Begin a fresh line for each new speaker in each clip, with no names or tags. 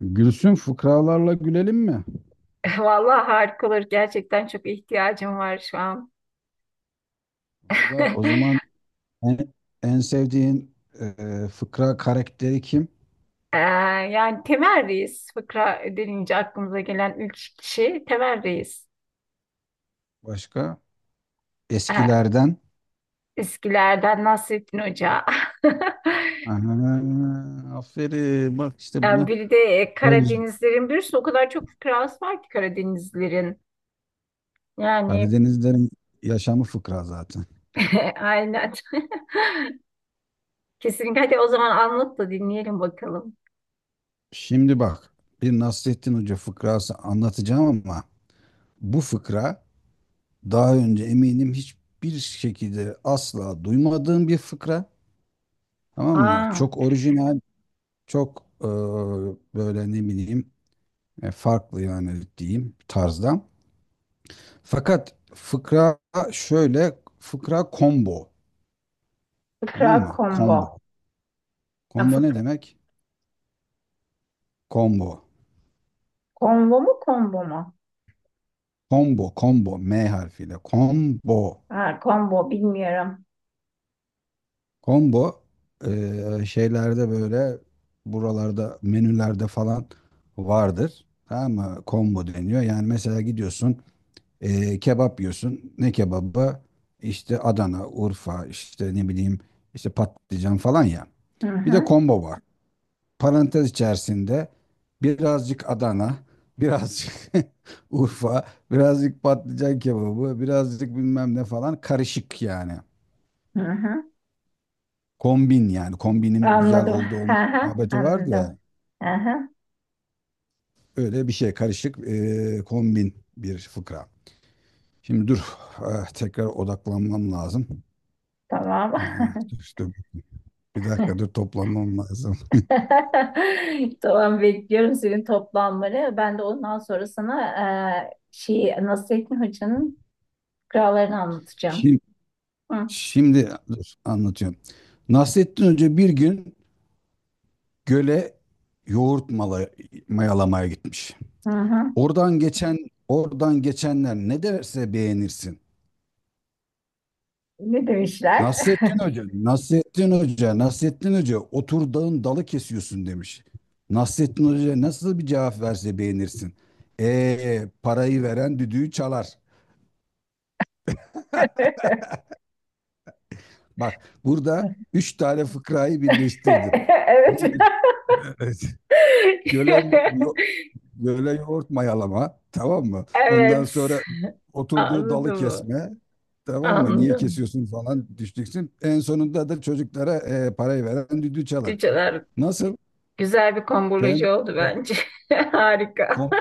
Gülsün, fıkralarla gülelim mi?
Vallahi harika olur. Gerçekten çok ihtiyacım var şu an.
Valla o zaman en, en sevdiğin e, fıkra karakteri kim?
Ee, yani Temel Reis fıkra denince aklımıza gelen ilk kişi Temel Reis.
Başka?
Ee,
Eskilerden.
Eskilerden Nasrettin Hoca.
Aha, aferin bak işte
Yani
bunu.
bir de
Öz-
Karadenizlerin birisi o kadar çok fıkrası var ki Karadenizlerin. Yani
Karadenizlerin yaşamı fıkra zaten.
aynen. Kesinlikle. Hadi o zaman anlat da dinleyelim bakalım.
Şimdi bak, bir Nasrettin Hoca fıkrası anlatacağım ama bu fıkra daha önce eminim hiçbir şekilde asla duymadığım bir fıkra. Tamam mı?
Aa,
Çok orijinal. Çok böyle ne bileyim, farklı yani diyeyim tarzda. Fakat fıkra şöyle, fıkra combo,
fıkra
tamam mı?
combo.
Combo.
Ya,
Combo ne
fıkra.
demek? Combo.
Combo mu?
Combo, combo M harfiyle. Combo.
Ha, combo bilmiyorum.
Combo şeylerde böyle, buralarda, menülerde falan vardır. Tamam mı? Combo deniyor. Yani mesela gidiyorsun. E, kebap yiyorsun. Ne kebabı? İşte Adana, Urfa, işte ne bileyim, işte patlıcan falan ya.
Hı
Bir de
hı.
combo var. Parantez içerisinde birazcık Adana, birazcık Urfa, birazcık patlıcan kebabı, birazcık bilmem ne falan, karışık yani.
Hı hı.
Kombin yani, kombinin güzel
Anladım.
olduğu
Hı
olma
hı.
muhabbeti var
Anladım.
da,
Hı hı.
öyle bir şey, karışık kombin bir fıkra. Şimdi dur ah, tekrar odaklanmam lazım.
Tamam.
Ah, dur. Bir dakika dur, toplanmam lazım.
Tamam, bekliyorum senin toplanmanı. Ben de ondan sonra sana şey Nasrettin Hoca'nın fıkralarını anlatacağım.
Şimdi,
Hı
şimdi dur, anlatıyorum. Nasrettin Hoca bir gün göle yoğurt mayalamaya gitmiş.
hı. Hı.
Oradan geçen Oradan geçenler ne derse beğenirsin.
Ne demişler?
Nasrettin Hoca, otur dağın dalı kesiyorsun demiş. Nasrettin Hoca nasıl bir cevap verse beğenirsin. Parayı veren düdüğü çalar. Bak, burada üç tane fıkrayı birleştirdim.
Evet.
Evet. Göle, yo- Göle yoğurt mayalama, tamam mı? Ondan
Evet.
sonra oturduğu dalı
Anladım.
kesme, tamam mı? Niye
Anladım.
kesiyorsun falan düştüksün. En sonunda da çocuklara parayı veren düdüğü çalar.
Cüceler
Nasıl?
güzel bir komboloji
Ben
oldu
ko-
bence. Harika.
ko-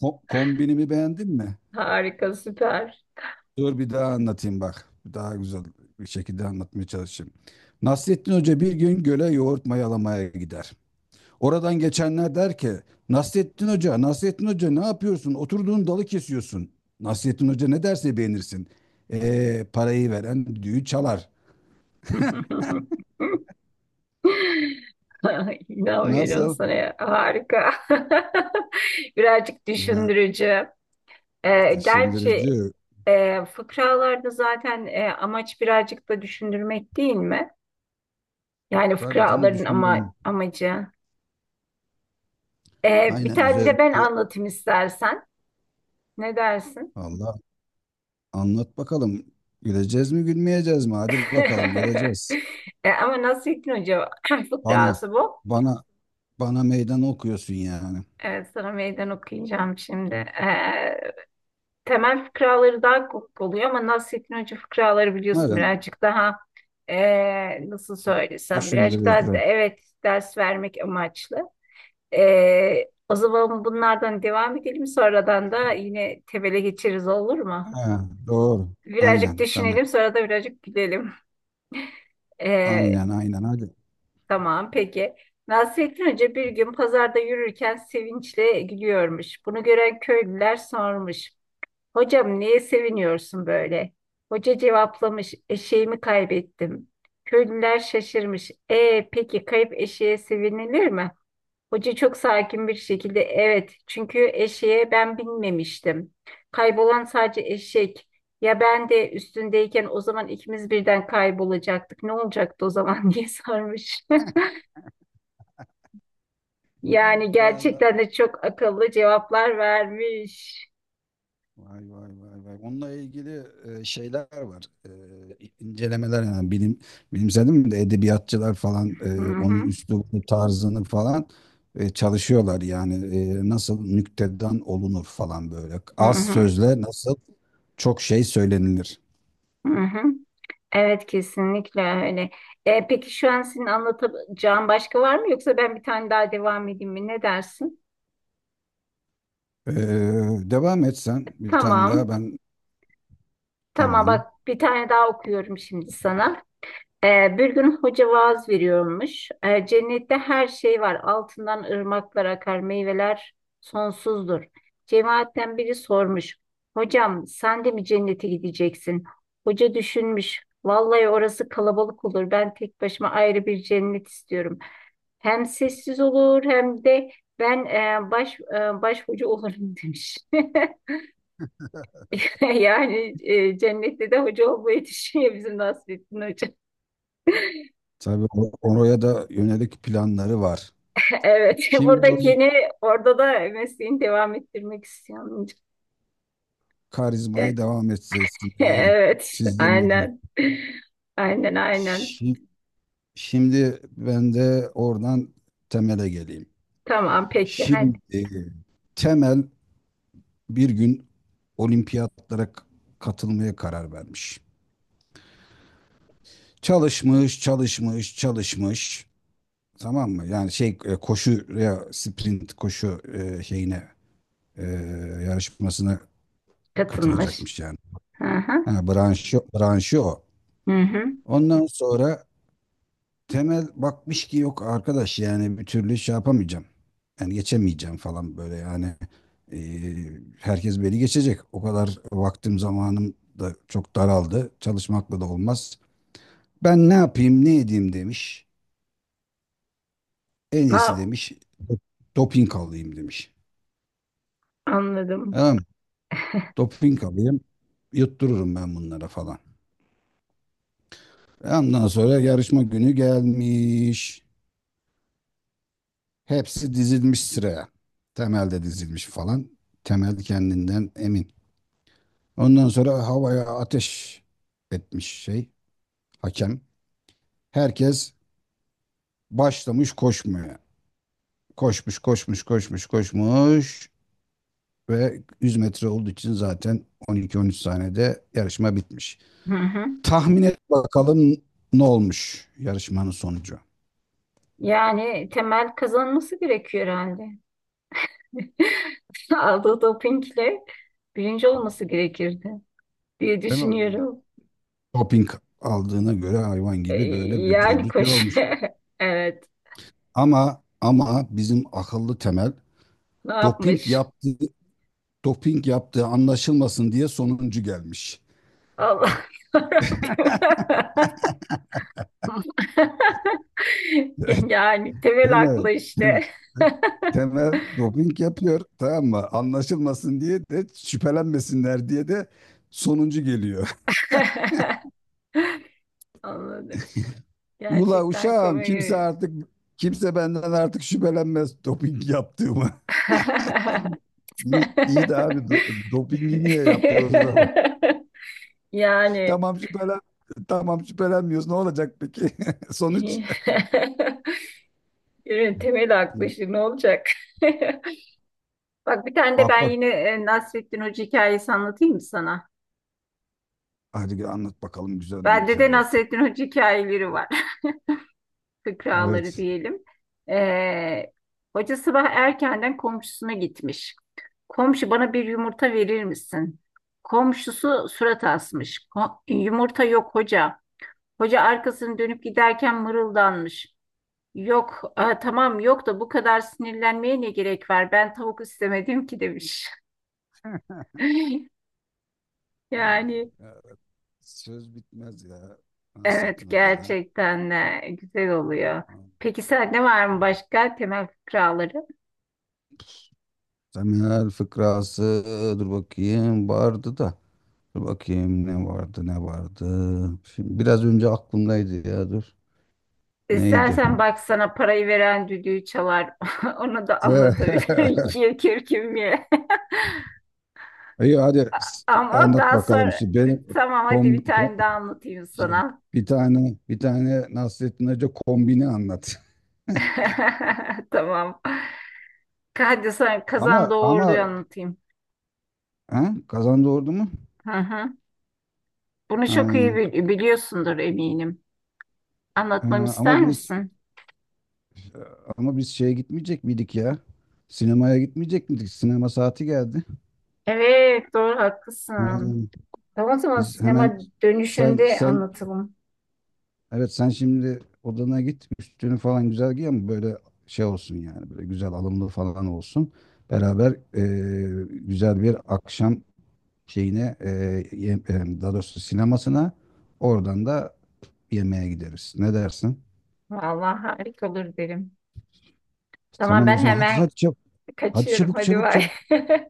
kombinimi beğendin mi?
Harika, süper.
Dur bir daha anlatayım bak. Daha güzel bir şekilde anlatmaya çalışayım. Nasrettin Hoca bir gün göle yoğurt mayalamaya gider. Oradan geçenler der ki Nasrettin Hoca, Nasrettin Hoca ne yapıyorsun? Oturduğun dalı kesiyorsun. Nasrettin Hoca ne derse beğenirsin. Parayı veren düğü çalar.
İnanmıyorum
Nasıl?
sana ya. Harika. Birazcık
Ya,
düşündürücü. Gerçi
düşündürücü.
fıkralarda zaten amaç birazcık da düşündürmek değil mi? Yani
Tabii canım,
fıkraların ama
düşündüm.
amacı. Bir
Aynen,
tane de ben
özellikle.
anlatayım istersen. Ne dersin?
Allah, anlat bakalım. Güleceğiz mi gülmeyeceğiz mi? Hadi bakalım, göreceğiz.
E, ama Nasrettin Hoca
Bana
fıkrası bu.
bana bana meydan okuyorsun yani.
Sana meydan okuyacağım şimdi. Temel fıkraları daha kopuk oluyor ama Nasrettin Hoca fıkraları biliyorsun
Madem
birazcık daha nasıl söylesem birazcık daha
düşündürücü.
evet, ders vermek amaçlı. O zaman bunlardan devam edelim, sonradan da yine tebele geçeriz, olur mu?
Ha, doğru.
Birazcık
Aynen tamam.
düşünelim sonra da birazcık gülelim. Ee,
Aynen hadi.
tamam, peki. Nasrettin Hoca bir gün pazarda yürürken sevinçle gülüyormuş. Bunu gören köylüler sormuş. Hocam, neye seviniyorsun böyle? Hoca cevaplamış, eşeğimi kaybettim. Köylüler şaşırmış. E peki, kayıp eşeğe sevinilir mi? Hoca çok sakin bir şekilde evet, çünkü eşeğe ben binmemiştim. Kaybolan sadece eşek. Ya ben de üstündeyken o zaman ikimiz birden kaybolacaktık. Ne olacaktı o zaman diye sarmış. Yani
Ben de-
gerçekten de çok akıllı cevaplar vermiş.
Vay vay vay vay. Onunla ilgili şeyler var. İncelemeler yani bilimsel değil mi de, edebiyatçılar falan
Hı hı,
onun üslubunu, tarzını falan çalışıyorlar. Yani nasıl nüktedan olunur falan böyle.
hı
Az
hı,
sözle nasıl çok şey söylenilir.
hı hı. Evet, kesinlikle öyle. E, peki şu an senin anlatacağın başka var mı yoksa ben bir tane daha devam edeyim mi? Ne dersin?
E, Devam et sen, bir tane daha
Tamam.
ben,
Tamam,
tamam.
bak bir tane daha okuyorum şimdi sana. E, bir gün hoca vaaz veriyormuş. E, cennette her şey var. Altından ırmaklar akar, meyveler sonsuzdur. Cemaatten biri sormuş. Hocam, sen de mi cennete gideceksin? Hoca düşünmüş. Vallahi orası kalabalık olur. Ben tek başıma ayrı bir cennet istiyorum. Hem sessiz olur hem de ben baş hoca olurum demiş. Yani cennette de hoca olmayı düşünüyor bizim Nasrettin Hoca.
Tabii o- oraya da yönelik planları var.
Evet,
Şimdi o
buradakini orada da mesleğini devam ettirmek istiyorum. Evet,
karizmayı devam etsin. Yani
evet,
sizden de.
aynen. Aynen, aynen.
Şi- Şimdi ben de oradan temele geleyim.
Tamam, peki. Hadi.
Şimdi Temel bir gün olimpiyatlara katılmaya karar vermiş. Çalışmış, çalışmış, çalışmış. Tamam mı? Yani şey, koşuya, sprint koşu şeyine, e, yarışmasına
Katılmış.
katılacakmış yani.
Hı hı.
Ha, branşı o.
Hı hı.
Ondan sonra Temel bakmış ki yok arkadaş, yani bir türlü şey yapamayacağım. Yani geçemeyeceğim falan böyle yani. E, Herkes beni geçecek. O kadar vaktim zamanım da çok daraldı. Çalışmakla da olmaz. Ben ne yapayım ne edeyim demiş. En iyisi
Ha,
demiş, doping alayım demiş.
anladım.
Tamam mı? Doping alayım, yuttururum ben bunlara falan. Ondan sonra yarışma günü gelmiş. Hepsi dizilmiş sıraya. Temel de dizilmiş falan. Temel kendinden emin. Ondan sonra havaya ateş etmiş şey, hakem. Herkes başlamış koşmaya. Koşmuş koşmuş koşmuş koşmuş ve 100 metre olduğu için zaten 12-13 saniyede yarışma bitmiş.
Hı hı.
Tahmin et bakalım, ne olmuş yarışmanın sonucu.
Yani temel kazanması gerekiyor herhalde. Aldığı dopingle birinci olması gerekirdi diye
Değil mi?
düşünüyorum.
Doping aldığına göre hayvan
Ee,
gibi böyle
Yani
vücudu şey
koş.
olmuş.
Evet.
Ama bizim akıllı Temel,
Ne
doping
yapmış?
yaptığı doping yaptığı anlaşılmasın diye sonuncu gelmiş.
Allah yarabbim. Yani
Değil
temel aklı
mi? Değil
işte.
mi? Temel doping yapıyor, tamam mı? Anlaşılmasın diye de, şüphelenmesinler diye de sonuncu geliyor.
Anladım.
Ula
Gerçekten
uşağım,
komik.
kimse benden artık şüphelenmez doping yaptığımı. İyi de abi, dopingi niye yaptı o zaman?
Yani
Tamam şüphelen tamam şüphelenmiyoruz. Ne olacak peki? Sonuç.
ürün temel aklı
Ya.
işte, ne olacak? Bak, bir tane de
Bak
ben
bak
yine Nasrettin Hoca hikayesi anlatayım mı sana?
hadi gel, anlat bakalım güzel bir
Bende de
hikaye.
Nasrettin Hoca hikayeleri var. Fıkraları
Evet.
diyelim. Ee, Hoca sabah erkenden komşusuna gitmiş. Komşu, bana bir yumurta verir misin? Komşusu surat asmış. Yumurta yok hoca. Hoca arkasını dönüp giderken mırıldanmış. Yok, "Aa, tamam yok da bu kadar sinirlenmeye ne gerek var? Ben tavuk istemedim ki demiş.
Allah
Yani
Allah. Söz bitmez ya
evet,
Nasrettin Hoca'da.
gerçekten de güzel oluyor. Peki sende var mı başka temel fıkraları?
Temel fıkrası, dur bakayım vardı da. Dur bakayım ne vardı ne vardı. Şimdi biraz önce aklımdaydı ya, dur. Neydi?
İstersen bak, sana parayı veren düdüğü çalar. Onu da anlatabilirim. Ye kürküm ye.
İyi hadi, s-
Ama
anlat
daha
bakalım.
sonra
Şimdi benim
tamam, hadi
kom,
bir
kom-
tane daha anlatayım
şey,
sana.
bir tane Nasrettin Hoca kombini anlat.
Tamam. Hadi sana kazan
Ama
doğurduyu anlatayım.
ha, kazandı ordu mu?
Hı hı. Bunu
Ha,
çok iyi biliyorsundur eminim. Anlatmamı
ha, ama
ister
biz
misin?
ama biz şeye gitmeyecek miydik ya? Sinemaya gitmeyecek miydik? Sinema saati geldi.
Evet, doğru
Ha,
haklısın. Tamam, o zaman
biz hemen,
sinema
sen
dönüşünde
sen
anlatalım.
Evet sen şimdi odana git, üstünü falan güzel giy ama böyle şey olsun yani, böyle güzel alımlı falan olsun. Beraber güzel bir akşam şeyine daha doğrusu sinemasına, oradan da yemeğe gideriz. Ne dersin?
Vallahi harika olur derim. Tamam,
Tamam o
ben
zaman, hadi
hemen
hadi çabuk. Hadi
kaçıyorum.
çabuk
Hadi
çabuk
bay.
çabuk.